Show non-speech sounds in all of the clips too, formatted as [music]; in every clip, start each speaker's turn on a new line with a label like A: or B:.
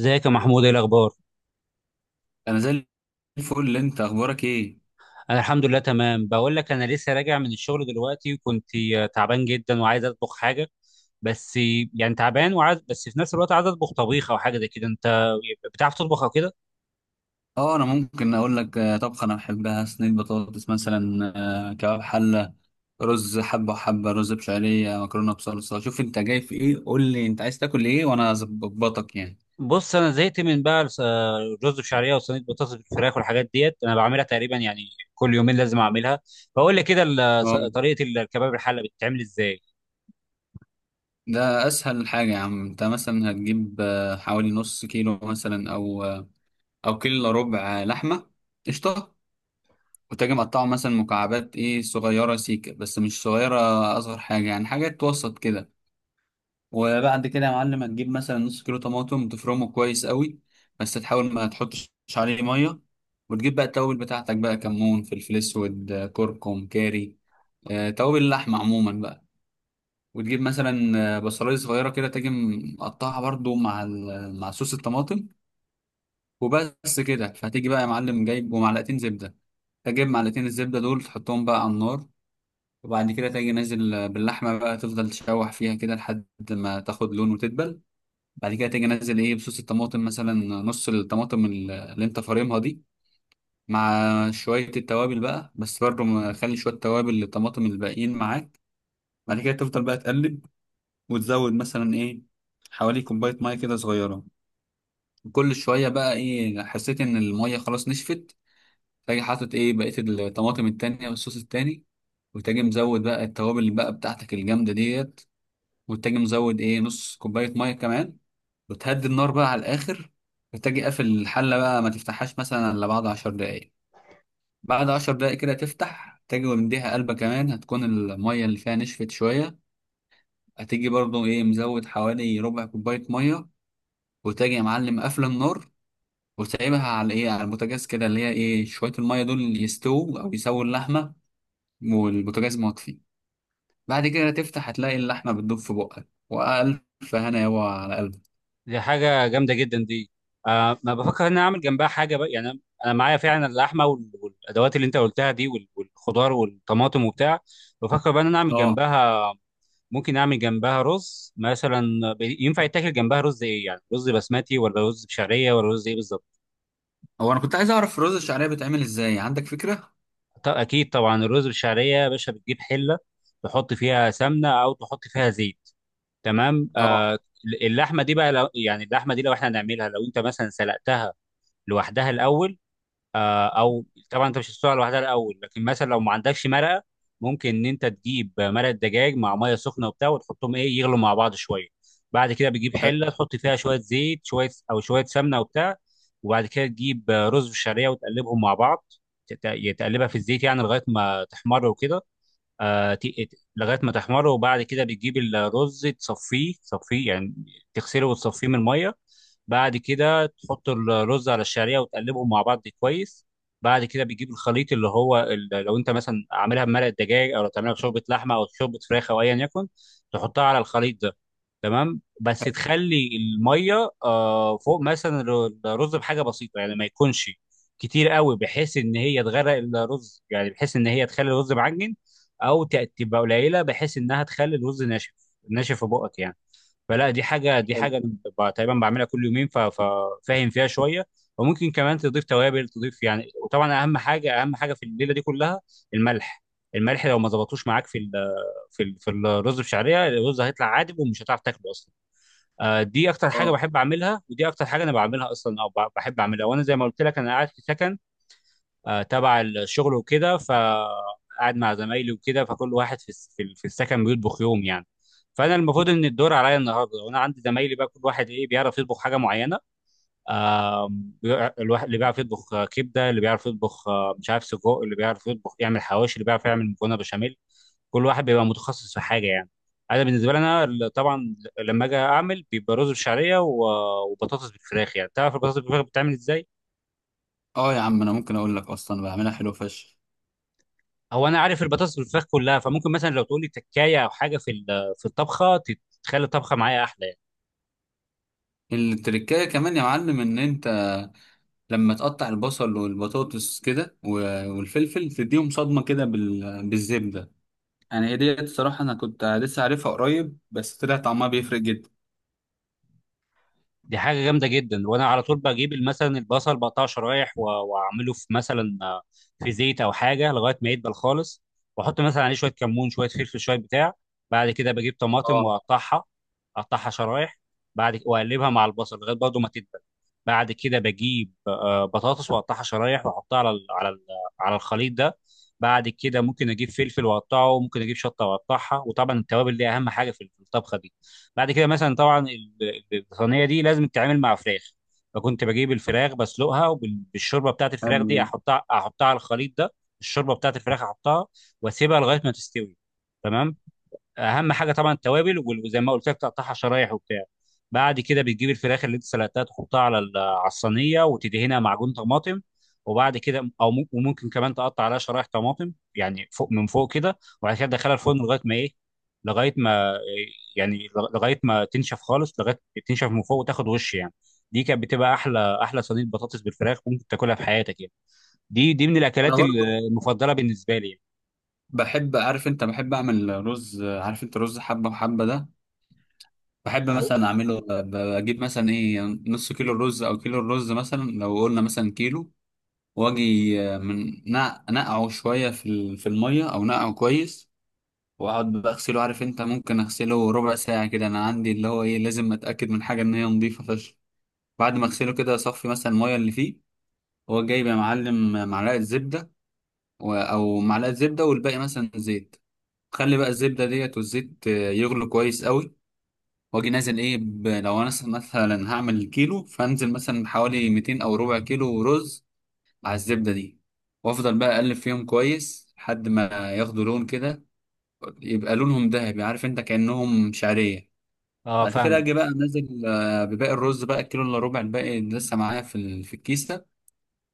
A: ازيك يا محمود؟ ايه الاخبار؟
B: انا زي الفل. انت اخبارك ايه؟
A: انا الحمد لله تمام. بقول لك انا لسه راجع من الشغل دلوقتي وكنت تعبان جدا وعايز اطبخ حاجه، بس يعني تعبان وعايز، بس في نفس الوقت عايز اطبخ طبيخ او حاجه زي كده. انت بتعرف تطبخ او كده؟
B: اه، انا ممكن اقول لك طبخه انا بحبها صينيه بطاطس مثلا. كباب حله، رز حبه وحبه، رز بشعريه، مكرونه بصلصه. شوف انت جاي في ايه، قول لي انت عايز تاكل ايه وانا اظبطك يعني.
A: بص، انا زهقت من بقى الرز بشعريه وصينيه بطاطس بالفراخ، والحاجات ديت انا بعملها تقريبا يعني كل يومين لازم اعملها. فقول لي كده
B: اه،
A: طريقه الكباب الحله بتتعمل ازاي؟
B: ده اسهل حاجه يا عم. انت مثلا هتجيب حوالي نص كيلو مثلا او كيلو إلا ربع لحمه قشطه، وتجي مقطعه مثلا مكعبات ايه صغيره سيكه، بس مش صغيره، اصغر حاجه يعني، حاجات وسط كده. وبعد كده يا معلم هتجيب مثلا نص كيلو طماطم تفرمه كويس قوي، بس تحاول ما تحطش عليه ميه. وتجيب بقى التوابل بتاعتك بقى، كمون، فلفل اسود، كركم، كاري، توابل اللحمه عموما بقى. وتجيب مثلا بصلايه صغيره كده تيجي مقطعها برضو مع صوص الطماطم، وبس كده. فهتيجي بقى يا معلم جايب ومعلقتين زبده، تجيب معلقتين الزبده دول تحطهم بقى على النار. وبعد كده تيجي نازل باللحمه بقى، تفضل تشوح فيها كده لحد ما تاخد لون وتدبل. بعد كده تيجي نازل ايه بصوص الطماطم، مثلا نص الطماطم اللي انت فارمها دي، مع شوية التوابل بقى، بس برضه خلي شوية توابل للطماطم الباقيين معاك. بعد كده تفضل بقى تقلب، وتزود مثلا ايه حوالي كوباية مية كده صغيرة. كل شوية بقى ايه حسيت ان المية خلاص نشفت، تاجي حاطط ايه بقية الطماطم التانية والصوص التاني، وتاجي مزود بقى التوابل بقى بتاعتك الجامدة ديت، وتاجي مزود ايه نص كوباية مية كمان. بتهدي النار بقى على الآخر، بتجي قافل الحلة بقى، ما تفتحهاش مثلا إلا بعد عشر دقايق. بعد عشر دقايق كده تفتح، تجي ومديها قلبة كمان، هتكون المية اللي فيها نشفت شوية، هتيجي برضو إيه مزود حوالي ربع كوباية مية. وتجي يا معلم قافل النار وسايبها على إيه، على البوتاجاز كده، اللي هي إيه شوية المية دول يستووا أو يسووا اللحمة والبوتاجاز مطفي. بعد كده تفتح هتلاقي اللحمة بتدوب في بقك، وألف هنا يابا على قلبك.
A: دي حاجة جامدة جدا دي. آه، ما بفكر ان انا اعمل جنبها حاجة بقى، يعني أنا معايا فعلا اللحمة والادوات اللي انت قلتها دي والخضار والطماطم وبتاع. بفكر بقى ان انا اعمل
B: آه
A: جنبها، ممكن اعمل جنبها رز مثلا. ينفع يتاكل جنبها رز ايه؟ يعني رز بسمتي ولا رز بشعرية ولا رز ايه بالظبط؟
B: هو أنا كنت عايز أعرف الرز الشعرية بتعمل إزاي، عندك فكرة؟
A: اكيد طبعا. الرز بالشعرية يا باشا، بتجيب حلة تحط فيها سمنة او تحط فيها زيت. تمام.
B: اه.
A: آه، اللحمة دي بقى لو يعني اللحمة دي لو احنا هنعملها، لو انت مثلا سلقتها لوحدها الاول، او طبعا انت مش هتسلقها لوحدها الاول، لكن مثلا لو ما عندكش مرقه، ممكن ان انت تجيب مرقه دجاج مع ميه سخنه وبتاع، وتحطهم ايه، يغلوا مع بعض شويه. بعد كده بتجيب
B: حلو،
A: حله تحط فيها شويه زيت شويه، او شويه سمنه وبتاع. وبعد كده تجيب رز بالشعريه وتقلبهم مع بعض. تقلبها في الزيت يعني لغايه ما تحمر وكده. لغايه ما تحمر. وبعد كده بتجيب الرز تصفيه، تصفيه يعني تغسله وتصفيه من الميه. بعد كده تحط الرز على الشعريه وتقلبهم مع بعض كويس. بعد كده بتجيب الخليط اللي هو لو انت مثلا عاملها بمرق الدجاج، او لو تعملها بشوربه لحمه او شوربه فراخ او ايا يكن، تحطها على الخليط ده. تمام. بس
B: حلو،
A: تخلي الميه آه فوق مثلا الرز بحاجه بسيطه، يعني ما يكونش كتير قوي بحيث ان هي تغرق الرز، يعني بحيث ان هي تخلي الرز معجن، او تبقى قليله بحيث انها تخلي الرز ناشف، ناشف في بقك يعني. فلا، دي حاجه، دي
B: حلو.
A: حاجه تقريبا بعملها كل يومين، ففاهم فيها شويه. وممكن كمان تضيف توابل، تضيف يعني. وطبعا اهم حاجه، اهم حاجه في الليله دي كلها الملح. الملح لو ما ظبطوش معاك في ال في ال في الرز بشعريه، الرز هيطلع عادب ومش هتعرف تاكله اصلا. آه، دي اكتر حاجه
B: اه.
A: بحب اعملها، ودي اكتر حاجه انا بعملها اصلا، او بحب اعملها. وانا زي ما قلت لك انا قاعد في سكن آه، تبع الشغل وكده، فقعد مع زمايلي وكده، فكل واحد في في السكن بيطبخ يوم يعني. فانا المفروض ان الدور عليا النهارده، وانا عندي زمايلي بقى كل واحد ايه بيعرف يطبخ حاجه معينه. الواحد اللي بيعرف يطبخ كبده، اللي بيعرف يطبخ مش عارف سجق، اللي بيعرف يطبخ يعمل حواوشي، اللي بيعرف يعمل مكرونه بشاميل. كل واحد بيبقى متخصص في حاجه يعني. انا بالنسبه لي انا طبعا لما اجي اعمل بيبقى رز بشعريه وبطاطس بالفراخ يعني. تعرف البطاطس بالفراخ بتتعمل ازاي؟
B: اه يا عم، انا ممكن اقول لك اصلا بعملها حلو فشخ.
A: هو انا عارف البطاطس بالفراخ كلها، فممكن مثلا لو تقول لي تكايه او حاجه في في الطبخه تخلي الطبخه معايا احلى يعني.
B: التركايه كمان يا معلم ان انت لما تقطع البصل والبطاطس كده والفلفل تديهم صدمه كده بالزبده. يعني هي ديت الصراحه، انا كنت لسه عارفها قريب بس طلع طعمها بيفرق جدا.
A: دي حاجه جامده جدا. وانا على طول بجيب مثلا البصل بقطعه شرايح واعمله في مثلا آه، في زيت او حاجه لغايه ما يدبل خالص. واحط مثلا عليه شويه كمون شويه فلفل شويه بتاع. بعد كده بجيب طماطم
B: اه،
A: واقطعها، اقطعها شرايح. واقلبها مع البصل لغايه برضه ما تدبل. بعد كده بجيب آه، بطاطس واقطعها شرايح واحطها على على الخليط ده. بعد كده ممكن اجيب فلفل واقطعه، ممكن اجيب شطه واقطعها، وطبعا التوابل دي اهم حاجه في الطبخه دي. بعد كده مثلا طبعا الصينيه دي لازم تتعامل مع فراخ، فكنت بجيب الفراخ بسلقها، وبالشوربه بتاعت الفراخ
B: حلو
A: دي
B: ده.
A: احطها، احطها على الخليط ده. الشوربه بتاعت الفراخ احطها واسيبها لغايه ما تستوي. تمام. اهم حاجه طبعا التوابل وزي ما قلت لك تقطعها شرايح وبتاع. بعد كده بتجيب الفراخ اللي انت سلقتها، تحطها على على الصينيه وتدهنها معجون طماطم. وبعد كده او وممكن كمان تقطع عليها شرايح طماطم يعني فوق من فوق كده. وبعد كده تدخلها الفرن لغايه ما ايه، لغايه ما إيه؟ يعني لغايه ما تنشف خالص، لغايه تنشف من فوق وتاخد وش يعني. دي كانت بتبقى احلى احلى صينيه بطاطس بالفراخ ممكن تاكلها في حياتك يعني. دي دي من
B: انا
A: الاكلات
B: برضو
A: المفضله بالنسبه لي يعني.
B: بحب، عارف انت، بحب اعمل رز، عارف انت رز حبه وحبه ده، بحب
A: هو
B: مثلا اعمله بجيب مثلا ايه نص كيلو الرز او كيلو الرز، مثلا لو قلنا مثلا كيلو، واجي من نقعه شويه في في الميه، او نقعه كويس. واقعد بقى اغسله، عارف انت، ممكن اغسله ربع ساعه كده، انا عندي اللي هو ايه لازم اتاكد من حاجه ان هي نظيفه فشخ. بعد ما اغسله كده اصفي مثلا الميه اللي فيه، هو جايب يا معلم معلقه زبده، او معلقه زبده والباقي مثلا زيت. خلي بقى الزبده ديت والزيت يغلوا كويس قوي، واجي نازل ايه لو انا مثلا هعمل كيلو فانزل مثلا بحوالي 200 او ربع كيلو رز على الزبدة دي. وافضل بقى اقلب فيهم كويس لحد ما ياخدوا لون كده، يبقى لونهم ذهبي عارف انت كأنهم شعرية.
A: اه
B: بعد كده
A: فاهمك،
B: اجي بقى انزل بباقي الرز بقى، الكيلو الا ربع الباقي اللي لسه معايا في في الكيس ده،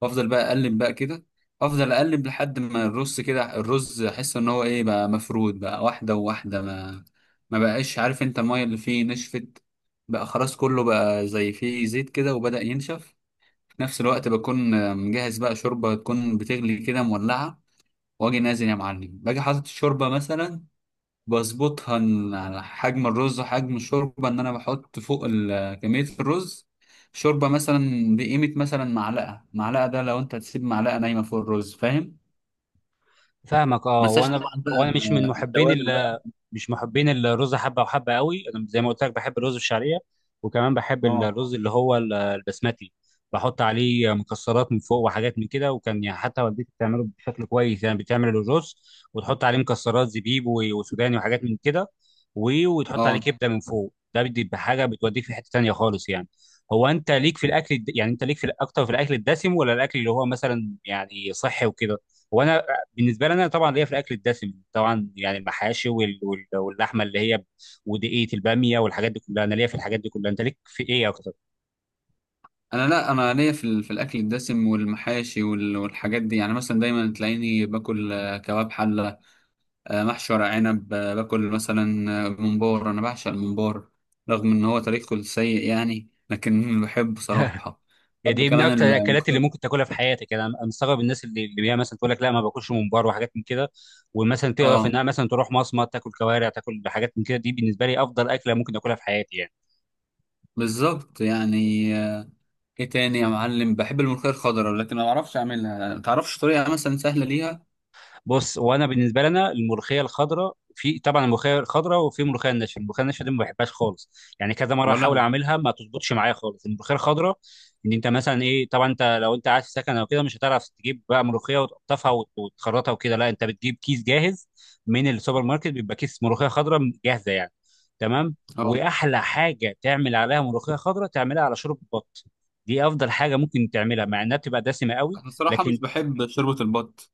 B: وافضل بقى اقلب بقى كده. افضل اقلب لحد ما الرز كده، الرز احس ان هو ايه بقى مفرود بقى واحدة وواحدة، ما بقاش، عارف انت المية اللي فيه نشفت، بقى خلاص كله بقى زي فيه زيت كده وبدأ ينشف. نفس الوقت بكون مجهز بقى شوربة تكون بتغلي كده مولعة، واجي نازل يا معلم باجي حاطط الشوربة مثلا، بظبطها على حجم الرز وحجم الشوربة، ان انا بحط فوق كمية الرز شوربة، مثلا بقيمة مثلا معلقة، معلقة ده لو انت هتسيب معلقة نايمة فوق الرز فاهم.
A: فاهمك.
B: ما
A: اه،
B: انساش
A: وانا
B: طبعا بقى
A: وانا مش من
B: ال-
A: محبين
B: التوابل بقى.
A: ال... مش محبين الرز حبه وحبه قوي. انا زي ما قلت لك بحب الرز الشعريه، وكمان بحب
B: اه.
A: الرز اللي هو البسمتي. بحط عليه مكسرات من فوق وحاجات من كده. وكان يعني حتى والدتي بتعمله بشكل كويس يعني، بتعمل الرز وتحط عليه مكسرات زبيب وسوداني وحاجات من كده. و... وتحط عليه
B: اه.
A: كبده من فوق، ده بيدي بحاجه بتوديك في حته تانيه خالص يعني. هو انت ليك في الاكل يعني انت ليك في اكتر في الاكل الدسم ولا الاكل اللي هو مثلا يعني صحي وكده؟ وانا بالنسبه لي انا طبعا ليا في الاكل الدسم طبعا، يعني المحاشي وال... وال... واللحمه اللي هي ودقيقه الباميه والحاجات دي كلها، انا ليا في الحاجات دي كلها. انت ليك في ايه اكتر؟
B: انا لا، انا ليا في في الاكل الدسم والمحاشي والحاجات دي يعني، مثلا دايما تلاقيني باكل كباب حلة، محشي ورق عنب، باكل مثلا ممبار، انا بعشق الممبار رغم ان هو تاريخه السيء يعني، لكن [laughs] بحبه صراحة.
A: يعني
B: بحب
A: دي من
B: كمان
A: اكتر الاكلات اللي ممكن
B: الملوخية.
A: تاكلها في حياتك يعني. أنا مستغرب الناس اللي هي مثلا تقول لك لا ما باكلش ممبار وحاجات من كده، ومثلا تعرف
B: اه،
A: انها مثلا تروح مصمت تاكل كوارع تاكل حاجات من كده. دي بالنسبه لي افضل اكله ممكن اكلها في حياتي يعني.
B: بالظبط يعني. آه، ايه تاني يا معلم، بحب الملوخية الخضراء لكن ما بعرفش اعملها، ما تعرفش طريقة مثلا سهلة ليها؟
A: بص، وانا بالنسبه لنا الملوخيه الخضراء، في طبعا الملوخيه الخضراء وفي ملوخيه الناشفه. الملوخيه الناشفه دي ما بحبهاش خالص، يعني كذا مره
B: ولا
A: احاول
B: انا.
A: اعملها ما تظبطش معايا خالص. الملوخيه الخضراء ان انت مثلا ايه، طبعا انت لو انت قاعد في سكن او كده مش هتعرف تجيب بقى ملوخيه وتقطفها وتخرطها وكده، لا انت بتجيب كيس جاهز من السوبر ماركت، بيبقى كيس ملوخيه خضراء جاهزه يعني. تمام.
B: اه.
A: واحلى حاجه تعمل عليها ملوخيه خضراء، تعملها على شوربه بط. دي افضل حاجه ممكن تعملها، مع انها بتبقى دسمه قوي.
B: انا الصراحة
A: لكن
B: مش بحب شوربة البط.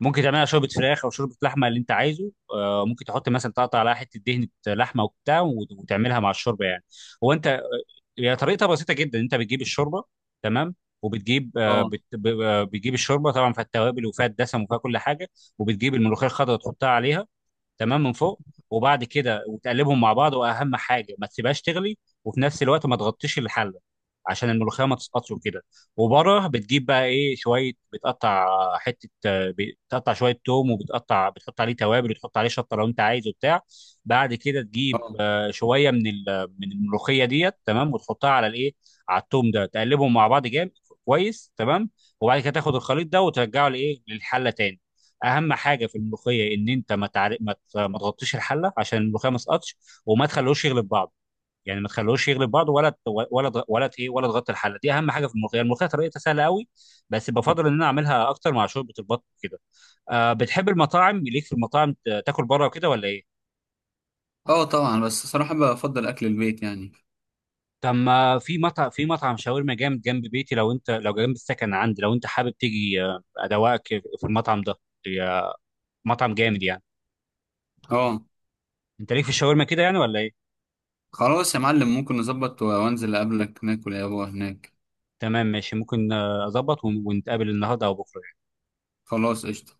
A: ممكن تعملها شوربه فراخ او شوربه لحمه اللي انت عايزه. آه، ممكن تحط مثلا، تقطع عليها حته دهنه لحمه وبتاع وتعملها مع الشوربه يعني. هو انت، هي طريقتها بسيطه جدا. انت بتجيب الشوربه، تمام، وبتجيب آه،
B: اه.
A: بت... ب- آه، بتجيب الشوربه طبعا فيها التوابل وفيها الدسم وفيها كل حاجه. وبتجيب الملوخيه الخضراء تحطها عليها، تمام، من فوق. وبعد كده وتقلبهم مع بعض، واهم حاجه ما تسيبهاش تغلي، وفي نفس الوقت ما تغطيش الحله، عشان الملوخيه ما تسقطش وكده. وبره بتجيب بقى ايه، شويه بتقطع حته، بتقطع شويه توم، وبتقطع بتحط عليه توابل وتحط عليه شطه لو انت عايز وبتاع. بعد كده تجيب
B: اه.
A: آه، شويه من من الملوخيه ديت، تمام، وتحطها على الايه، على التوم ده، تقلبهم مع بعض جامد كويس. تمام. وبعد كده تاخد الخليط ده وترجعه لايه، للحله تاني. اهم حاجه في الملوخيه ان انت ما تعر... ما تغطيش الحله عشان الملوخيه ما تسقطش، وما تخلوش يغلب بعض، يعني ما تخلوش يغلب بعض، ولا ت- ولا ت- ولا ت- ايه ولا تغطي الحله. دي اهم حاجه في الملوخيه. الملوخيه طريقتها سهله قوي، بس بفضل ان انا اعملها اكتر مع شوربه البط كده. آه، بتحب المطاعم؟ ليك في المطاعم تاكل بره وكده ولا ايه؟
B: اه، طبعا، بس صراحة بفضل اكل البيت يعني.
A: طب ما في مطعم، في مطعم شاورما جامد جنب بيتي، لو انت، لو جنب السكن عندي لو انت حابب تيجي آه، ادوقك في المطعم ده. يا- مطعم جامد يعني.
B: اه،
A: انت ليك في الشاورما كده يعني ولا ايه؟
B: خلاص يا معلم، ممكن نظبط وانزل اقابلك ناكل يا ابو هناك.
A: تمام ماشي، ممكن آه، اظبط ونتقابل النهارده او بكره.
B: خلاص، قشطة.